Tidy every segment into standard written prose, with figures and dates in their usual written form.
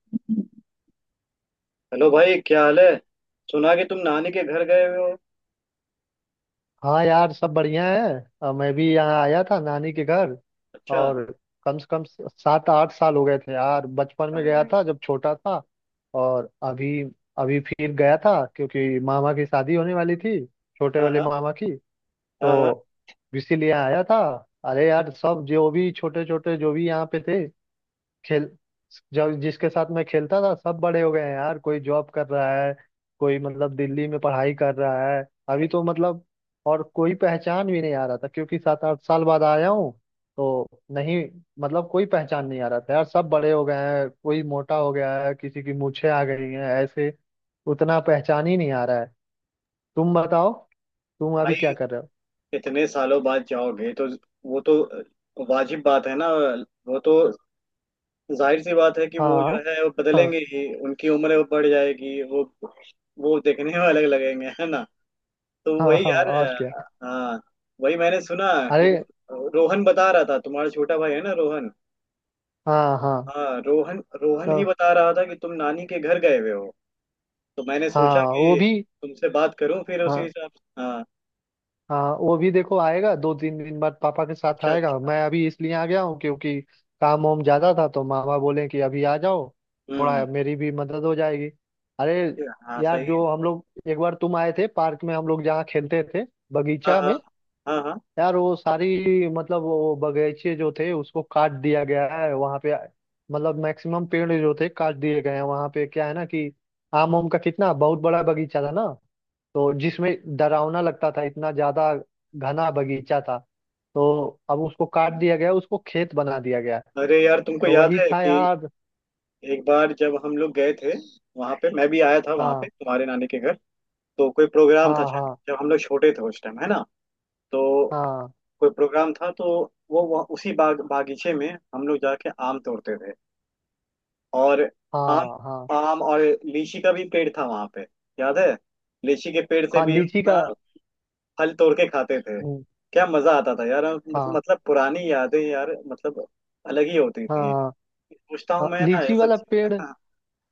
Hello भाई, क्या हाल है। सुना कि तुम नानी के घर गए हुए हो। हाँ यार, सब बढ़िया है। मैं भी यहाँ आया था नानी के घर। अच्छा। और कम से कम सात आठ साल हो गए थे यार, बचपन में अरे। गया था जब छोटा था। और अभी अभी फिर गया था क्योंकि मामा की शादी होने वाली थी, छोटे हाँ वाले हाँ। मामा की। हाँ हाँ। तो इसीलिए आया था। अरे यार, सब जो भी छोटे छोटे जो भी यहाँ पे थे, खेल जब जिसके साथ मैं खेलता था सब बड़े हो गए हैं यार। कोई जॉब कर रहा है, कोई मतलब दिल्ली में पढ़ाई कर रहा है। अभी तो मतलब, और कोई पहचान भी नहीं आ रहा था क्योंकि सात आठ साल बाद आया हूँ तो। नहीं, मतलब कोई पहचान नहीं आ रहा था यार, सब बड़े हो गए हैं, कोई मोटा हो गया है, किसी की मूछें आ गई हैं, ऐसे उतना पहचान ही नहीं आ रहा है। तुम बताओ, तुम अभी भाई, क्या कर रहे हो? इतने सालों बाद जाओगे तो वो तो वाजिब बात है ना। वो तो जाहिर सी बात है कि वो जो हाँ, है वो हाँ। बदलेंगे ही, उनकी उम्र वो बढ़ जाएगी। वो देखने में अलग लगेंगे, है ना। तो हाँ, वही हाँ, यार। और क्या। हाँ, वही मैंने सुना कि वो अरे, रोहन बता रहा था, तुम्हारा छोटा भाई है ना रोहन। हाँ, हाँ, हाँ, रोहन रोहन तो। ही बता रहा था कि तुम नानी के घर गए हुए हो। तो मैंने सोचा हाँ, वो कि भी। तुमसे बात करूं, फिर उसी हाँ, हिसाब से। हाँ। हाँ, वो भी देखो आएगा दो तीन दिन बाद, पापा के साथ अच्छा आएगा। अच्छा। मैं अभी इसलिए आ गया हूँ क्योंकि काम वाम ज्यादा था, तो मामा बोले कि अभी आ जाओ, हम्म। थोड़ा मेरी भी मदद हो जाएगी। अरे हाँ यार, सही है। जो हम लोग एक बार तुम आए थे, पार्क में हम लोग जहाँ खेलते थे, हाँ बगीचा हाँ। में। हाँ हाँ। यार, वो सारी मतलब वो बगीचे जो थे उसको काट दिया गया है वहाँ पे। मतलब मैक्सिमम पेड़ जो थे काट दिए गए हैं वहाँ पे। क्या है ना कि आम, आम का कितना बहुत बड़ा बगीचा था ना, तो जिसमें डरावना लगता था इतना ज्यादा, घना बगीचा था। तो अब उसको काट दिया गया, उसको खेत बना दिया गया। अरे यार, तुमको तो याद वही है था कि यार। एक बार जब हम लोग गए थे, वहां पे मैं भी आया था वहां पे हाँ, तुम्हारे नानी के घर। तो कोई प्रोग्राम था हाँ। शायद, हाँ, जब हम लोग छोटे थे उस टाइम, है ना। तो हाँ। कोई प्रोग्राम था, तो वो वहाँ उसी बागीचे में हम लोग जाके आम तोड़ते थे। और आम, हाँ, हाँ। आम और लीची का भी पेड़ था वहां पे, याद है। लीची के पेड़ से हाँ, भी लीची का। अपना फल तोड़ के खाते थे। हम्म। क्या मजा आता था यार, मतलब हाँ, मतलब पुरानी यादें यार, मतलब अलग ही होती थी। हाँ। पूछता हूँ हाँ, मैं ना ये लीची सब वाला चीज। पेड़,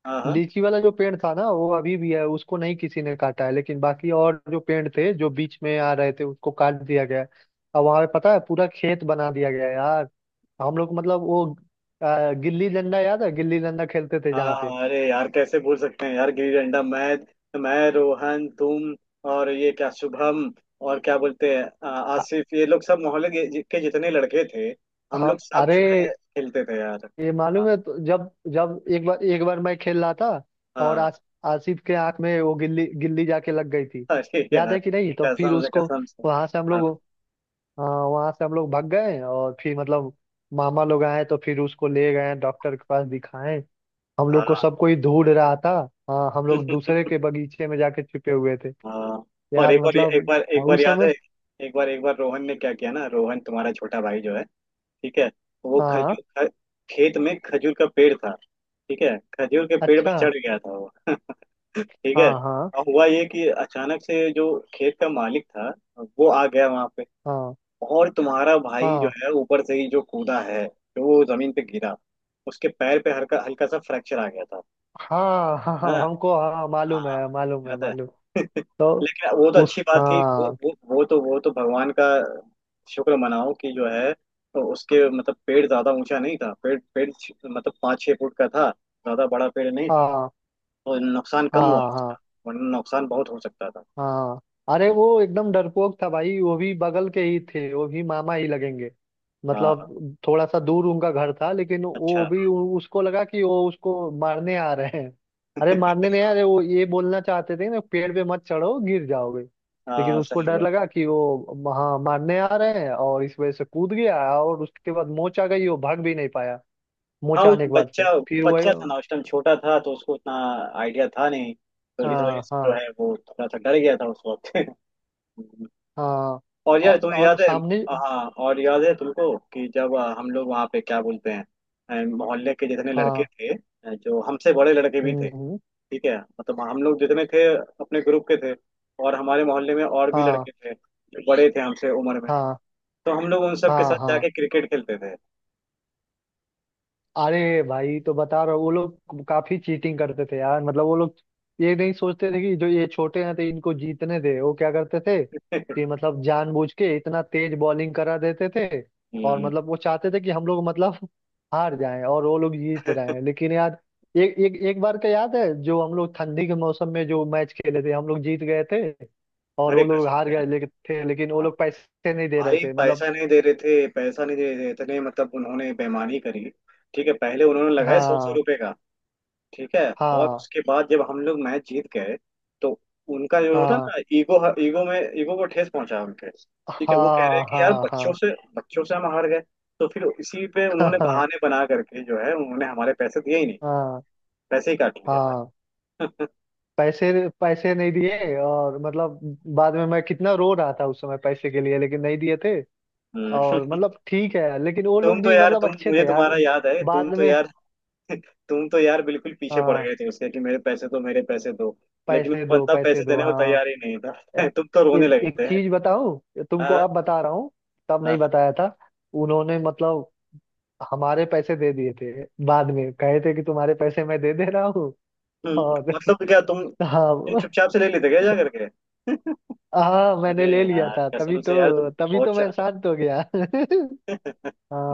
हाँ। हाँ लीची वाला जो पेड़ था ना वो अभी भी है, उसको नहीं किसी ने काटा है, लेकिन बाकी और जो पेड़ थे जो बीच में आ रहे थे उसको काट दिया गया है। अब वहां पे पता है, पूरा खेत बना दिया गया है यार। हम लोग मतलब वो, गिल्ली डंडा याद है? गिल्ली डंडा खेलते थे हाँ। जहाँ पे। हाँ अरे यार कैसे भूल सकते हैं यार गिल्ली डंडा। मैं, रोहन, तुम और ये क्या शुभम, और क्या बोलते हैं अ- आसिफ, ये लोग सब मोहल्ले के जितने लड़के थे, हम हाँ। लोग सब अरे, जो है खेलते थे यार। ये हाँ मालूम है? तो जब जब एक बार मैं खेल रहा था और हाँ। आसिफ के आंख में वो गिल्ली, गिल्ली जाके लग गई थी। अरे याद यार, है कि नहीं? तो फिर कसम से उसको, कसम से। वहां से हम हाँ लोग, हाँ वहां से हम लोग भाग गए और फिर मतलब, मामा लोग आए तो फिर उसको ले गए डॉक्टर के पास दिखाएं। हम लोग को हाँ सब कोई ढूंढ रहा था। हाँ, हम लोग दूसरे के बगीचे में जाके छिपे हुए थे। हाँ। और यार एक बार एक मतलब। बार एक हाँ, बार उस याद है, समय। एक बार रोहन ने क्या किया ना, रोहन तुम्हारा छोटा भाई जो है। ठीक है। वो हाँ। खजूर ख- खेत में खजूर का पेड़ था। ठीक है, खजूर के पेड़ पे अच्छा। चढ़ गया था वो। ठीक हाँ, है। हाँ। और हुआ ये कि अचानक से जो खेत का मालिक था, वो आ गया वहां पे। हाँ, और तुम्हारा भाई जो हाँ। है, ऊपर से ही जो कूदा है, जो वो जमीन पे गिरा, उसके पैर पे हल्का हल्का सा फ्रैक्चर आ गया था, हाँ, हाँ, है हाँ ना। हमको, हाँ मालूम हाँ, है, मालूम है, याद है। मालूम तो लेकिन वो तो उस, अच्छी बात थी, वो हाँ। वो वो तो वो तो भगवान का शुक्र मनाओ कि जो है, तो उसके मतलब पेड़ ज्यादा ऊंचा नहीं था, पेड़ पेड़ छ- मतलब 5-6 फुट का था, ज्यादा बड़ा पेड़ नहीं था। हाँ, तो नुकसान कम हुआ हाँ। हाँ, उसका, वरना नुकसान बहुत हो सकता था। हाँ। अरे हम्म। वो एकदम डरपोक था भाई, वो भी बगल के ही थे, वो भी मामा ही लगेंगे। हाँ। मतलब थोड़ा सा दूर उनका घर था, लेकिन वो अच्छा। भी उसको लगा कि वो उसको मारने आ रहे हैं। अरे मारने नहीं आ रहे, वो ये बोलना चाहते थे ना, पेड़ पे मत चढ़ो गिर जाओगे। लेकिन हाँ उसको सही डर हुआ। लगा कि वो हाँ मारने आ रहे हैं, और इस वजह से कूद गया। और उसके बाद मोच आ गई, वो भाग भी नहीं पाया। हाँ मोच वो आने के बाद से बच्चा फिर वही। बच्चा था ना, उस टाइम छोटा था, तो उसको उतना आइडिया था नहीं, तो इस वजह हाँ, से जो हाँ, है वो थोड़ा सा डर गया था उस वक्त। हाँ। और यार, और, तुम्हें और याद है। सामने। हाँ, और याद है तुमको कि जब हम लोग वहाँ पे क्या बोलते हैं, मोहल्ले के जितने लड़के हाँ। थे, जो हमसे बड़े लड़के भी हम्म, थे। हम्म। ठीक है, मतलब हम लोग जितने थे अपने ग्रुप के थे, और हमारे मोहल्ले में और भी हाँ, लड़के थे जो बड़े थे हमसे उम्र में। हाँ। तो हम लोग उन सब के हाँ, साथ हाँ। जाके क्रिकेट खेलते थे। अरे भाई तो बता रहा हूँ, वो लोग काफी चीटिंग करते थे यार। मतलब वो लोग ये नहीं सोचते थे कि जो ये छोटे हैं तो इनको जीतने दे। वो क्या करते थे कि मतलब जानबूझ के इतना तेज बॉलिंग करा देते थे। और हम्म। मतलब वो चाहते थे कि हम लोग मतलब हार जाएं और वो लोग जीत रहे हैं, लेकिन यार एक एक एक बार का याद है, जो हम लोग ठंडी के मौसम में जो मैच खेले थे, हम लोग जीत गए थे और अरे वो लोग कसम हार है। गए थे, लेकिन वो हाँ लोग पैसे नहीं दे रहे भाई, थे मतलब। पैसा नहीं दे रहे थे, पैसा नहीं दे रहे थे, इतने, मतलब उन्होंने बेईमानी करी। ठीक है, पहले उन्होंने लगाए सौ सौ हाँ, रुपए का। ठीक है, और हाँ। उसके बाद जब हम लोग मैच जीत गए, तो उनका जो होता हाँ, ना ईगो, ईगो में ईगो को ठेस पहुंचा उनके। ठीक है, वो कह रहे हाँ। हैं कि यार हाँ, हाँ। बच्चों से, बच्चों से हम हार गए। तो फिर इसी पे उन्होंने हाँ, बहाने बना करके जो है उन्होंने हमारे पैसे दिए ही नहीं, हाँ। पैसे ही काट लिए हाँ। हमारे। पैसे, पैसे नहीं दिए और मतलब बाद में मैं कितना रो रहा था, उस समय पैसे के लिए, लेकिन नहीं दिए थे। हम्म। और मतलब ठीक है, लेकिन वो तुम लोग तो भी यार, मतलब तुम अच्छे मुझे, थे यार, तुम्हारा याद है, बाद तुम तो में। यार। तुम तो यार बिल्कुल पीछे पड़ हाँ, गए थे उसके कि मेरे पैसे दो, मेरे पैसे दो। लेकिन पैसे वो दो, बंदा पैसे पैसे दो देने को हाँ। तैयार ही नहीं ए- था। तुम तो रोने एक लगे एक थे। चीज बताऊं तुमको, हाँ अब बता रहा हूँ, तब नहीं हाँ। बताया था। उन्होंने मतलब हमारे पैसे दे दिए थे। बाद में कहे थे कि तुम्हारे पैसे मैं दे दे रहा हूँ। और मतलब क्या तुम तुम हाँ। चुपचाप से ले लेते क्या जा करके। हाँ, मैंने अरे ले लिया यार, था, तभी कसम से यार, तुम तो, तभी बहुत तो मैं चा- शांत हो गया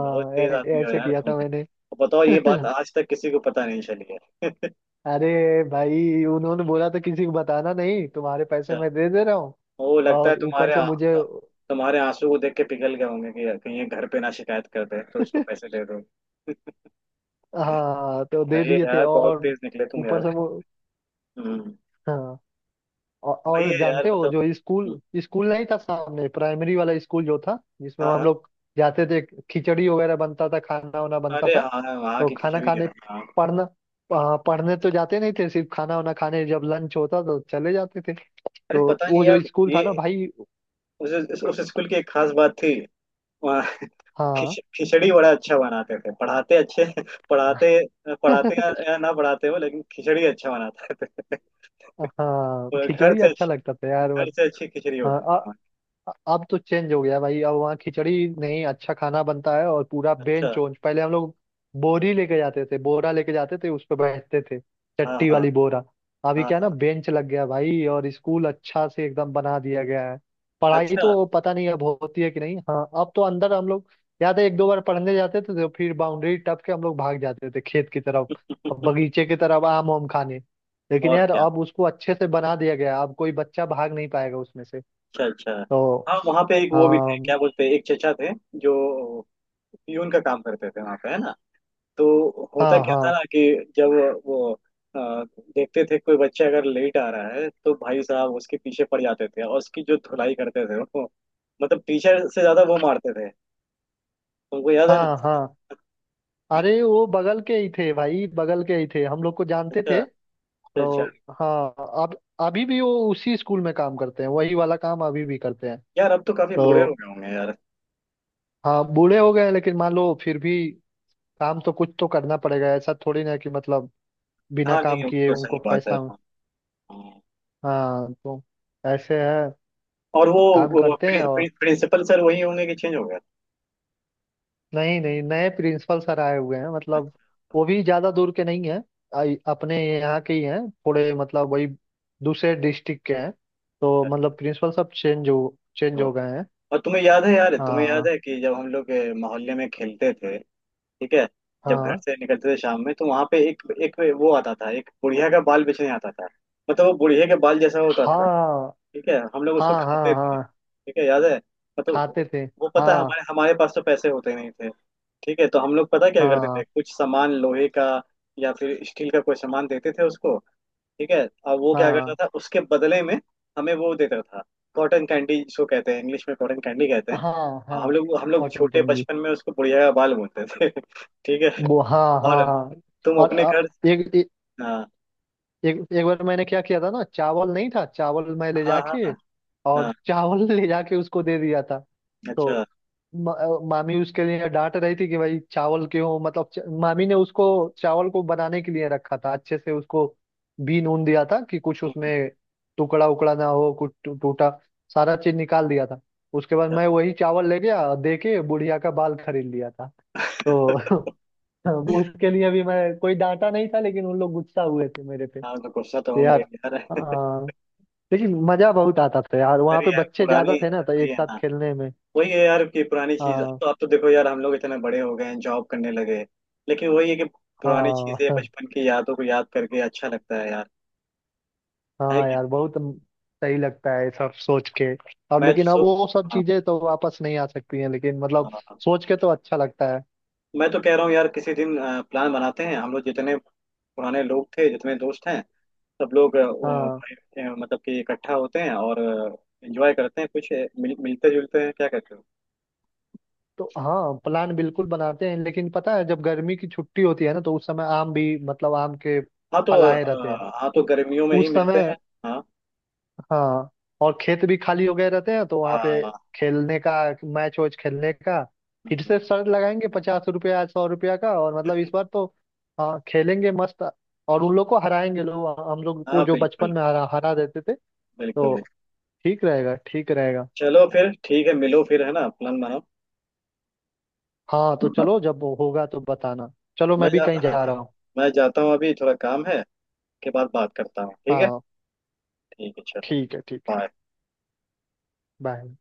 बहुत तेज आदमी हो ऐसे यार। किया तुम था मैंने। तो बताओ, ये बात आज तक किसी को पता नहीं चली है। अरे भाई, उन्होंने बोला था किसी को बताना नहीं, तुम्हारे पैसे अच्छा, मैं दे दे रहा हूँ। वो लगता है और ऊपर से मुझे तुम्हारे आंसू को देख के पिघल गए होंगे कि यार कहीं ये घर पे ना शिकायत कर दे, तो इसको पैसे दे दो। हाँ, तो दे सही है दिए थे यार, बहुत और तेज निकले तुम यार। ऊपर से वो। हम्म। हाँ। वही और है यार, जानते हो मतलब। जो हम्म। स्कूल स्कूल नहीं था सामने, प्राइमरी वाला स्कूल जो था जिसमें हाँ हम हाँ। लोग जाते थे, खिचड़ी वगैरह बनता था, खाना वाना बनता अरे था। हाँ हाँ, वहाँ तो की खाना खिचड़ी खाने, यार। हाँ। पढ़ना, पढ़ने तो जाते नहीं थे, सिर्फ खाना वाना खाने जब लंच होता तो चले जाते थे। अरे तो पता वो नहीं जो यार, स्कूल ये था ना भाई। उस स्कूल की एक खास बात थी, वहाँ हाँ। खिचड़ी बड़ा अच्छा बनाते थे। पढ़ाते अच्छे, पढ़ाते पढ़ाते या, या ना पढ़ाते हो, लेकिन खिचड़ी अच्छा बनाते थे। हाँ, तो घर खिचड़ी से अच्छा अच्छी, लगता था यार। घर से अच्छी खिचड़ी हाँ, होती थी वहाँ की। अब तो चेंज हो गया भाई, अब वहाँ खिचड़ी नहीं, अच्छा खाना बनता है। और पूरा अच्छा। बेंच वोंच, पहले हम लोग बोरी लेके जाते थे, बोरा लेके जाते थे, उस पर बैठते थे, हाँ चट्टी हाँ। वाली बोरा। अभी हाँ क्या है ना, हाँ। बेंच लग गया भाई, और स्कूल अच्छा से एकदम बना दिया गया है। पढ़ाई अच्छा। तो पता नहीं अब होती है कि नहीं। हाँ, अब तो अंदर हम लोग, याद है, एक दो बार पढ़ने जाते थे, तो फिर बाउंड्री टप के हम लोग भाग जाते थे खेत की तरफ और बगीचे की तरफ आम वाम खाने। लेकिन और यार क्या। अब उसको अच्छे से बना दिया गया है, अब कोई बच्चा भाग नहीं पाएगा उसमें से, अच्छा अच्छा। तो। हाँ वहाँ पे एक वो भी थे, हाँ, क्या बोलते हैं, एक चचा थे जो पियून का काम करते थे वहाँ पे, है ना। तो होता हाँ। क्या था हाँ, ना कि जब वो अ, देखते थे कोई बच्चा अगर लेट आ रहा है, तो भाई साहब उसके पीछे पड़ जाते थे और उसकी जो धुलाई करते थे वो, मतलब पीछे से ज्यादा वो मारते थे। तुमको याद है ना। हाँ। हाँ। अरे वो बगल के ही थे भाई, बगल के ही थे, हम लोग को जानते अच्छा थे। अच्छा तो अच्छा। हाँ, अब, अभी भी वो उसी स्कूल में काम करते हैं, वही वाला काम अभी भी करते हैं। यार अब तो काफी बूढ़े हो तो गए होंगे यार। हाँ, बूढ़े हो गए हैं, लेकिन मान लो फिर भी काम तो कुछ तो करना पड़ेगा, ऐसा थोड़ी ना कि मतलब बिना हाँ नहीं काम वो किए तो उनको सही बात है, पैसा। हाँ। हाँ। हाँ, तो ऐसे है, और काम वो करते हैं प्रि, और। प्रि, प्रिंसिपल सर वही होंगे कि चेंज हो गए। नहीं, नहीं, नए प्रिंसिपल सर आए हुए हैं। मतलब अच्छा वो भी ज्यादा दूर के नहीं हैं, अपने यहाँ के ही हैं, थोड़े मतलब वही दूसरे डिस्ट्रिक्ट के हैं। तो मतलब प्रिंसिपल सब चेंज हो अच्छा। गए हैं। और तुम्हें याद है यार, तुम्हें याद हाँ, है कि जब हम लोग मोहल्ले में खेलते थे, ठीक है, जब घर हाँ। से निकलते थे शाम में तो वहां पे एक एक वो आता था, एक बुढ़िया का बाल बेचने आता था। मतलब वो बुढ़िया के बाल जैसा होता था। हाँ, ठीक है, हम लोग उसको हाँ। खाते हाँ, थे। हाँ। ठीक है, याद है। मतलब खाते थे। वो पता है, हाँ, हमारे हमारे पास तो पैसे होते नहीं थे। ठीक है, तो हम लोग पता क्या करते हाँ। थे, कुछ सामान लोहे का या फिर स्टील का कोई सामान देते थे उसको। ठीक है, और वो क्या करता हाँ, था उसके बदले में हमें वो देता था, कॉटन कैंडी, जिसको कहते हैं इंग्लिश में कॉटन कैंडी कहते हैं। हाँ। हम हाँ, लोग हम लोग कॉटन छोटे कैंडी। बचपन में उसको बुढ़िया का बाल बोलते थे। ठीक है। वो हाँ, और हाँ, हाँ। तुम और अपने घर। एक हाँ एक एक बार मैंने क्या किया था ना, चावल नहीं था, चावल मैं ले हाँ। जाके, हाँ और हाँ। चावल ले जाके उसको दे दिया था। अच्छा तो मामी उसके लिए डांट रही थी कि भाई चावल क्यों, मतलब मामी ने उसको चावल को बनाने के लिए रखा था, अच्छे से उसको बीन ऊन दिया था कि कुछ उसमें टुकड़ा उकड़ा ना हो, कुछ टूटा, सारा चीज निकाल दिया था। उसके बाद अच्छा। मैं वही चावल ले गया, दे के बुढ़िया का बाल खरीद लिया था। तो उसके लिए भी मैं कोई डांटा नहीं था, लेकिन उन लोग गुस्सा हुए थे मेरे। हाँ तो गुस्सा तो होंगे यार। यार। हाँ। लेकिन मजा बहुत आता था यार, वहाँ अरे पे यार बच्चे पुरानी, ज्यादा थे ना, तो वही एक है साथ ना, खेलने में। वही है यार कि पुरानी चीज, अब हाँ। तो अब तो देखो यार हम लोग इतने बड़े हो गए हैं जॉब करने लगे, लेकिन वही है कि पुरानी हाँ। चीजें, बचपन की यादों को याद करके अच्छा लगता है यार। है हाँ कि, यार, बहुत सही लगता है ये सब सोच के। अब मैं तो लेकिन, अब सो वो सब हाँ चीजें तो वापस नहीं आ सकती हैं, लेकिन हाँ मतलब हाँ। सोच के तो अच्छा लगता है। मैं तो कह रहा हूँ यार किसी दिन प्लान बनाते हैं, हम लोग जितने पुराने लोग थे, जितने दोस्त हैं, सब लोग वो, हाँ, भाई, मतलब कि इकट्ठा होते हैं और एंजॉय करते हैं कुछ मिलते जुलते हैं, क्या कहते हो। तो हाँ, प्लान बिल्कुल बनाते हैं। लेकिन पता है, जब गर्मी की छुट्टी होती है ना, तो उस समय आम भी मतलब आम के फल आए रहते हैं, हाँ तो उ- गर्मियों में ही उस मिलते समय। हैं। हाँ हाँ। और खेत भी खाली हो गए रहते हैं, तो वहां पे हाँ। खेलने का, मैच वैच खेलने का। फिर हम्म। से शर्त लगाएंगे, 50 रुपया 100 रुपया का, और मतलब इस बार तो हाँ खेलेंगे मस्त, और उन लोग को हराएंगे, लोग हम लोग को हाँ जो बचपन बिल्कुल में हरा हरा देते थे। बिल्कुल। तो ठीक रहेगा, ठीक रहेगा। चलो फिर ठीक है, मिलो फिर है ना प्लान बनाओ। हाँ, तो चलो, जब वो होगा तो बताना। चलो मैं मैं भी जा कहीं जा हाँ। रहा हूँ। मैं जाता हूँ अभी थोड़ा काम है, के बाद बात करता हूँ ठीक है। हाँ, ठीक है चलो। ठीक है, ठीक है। बाय। बाय।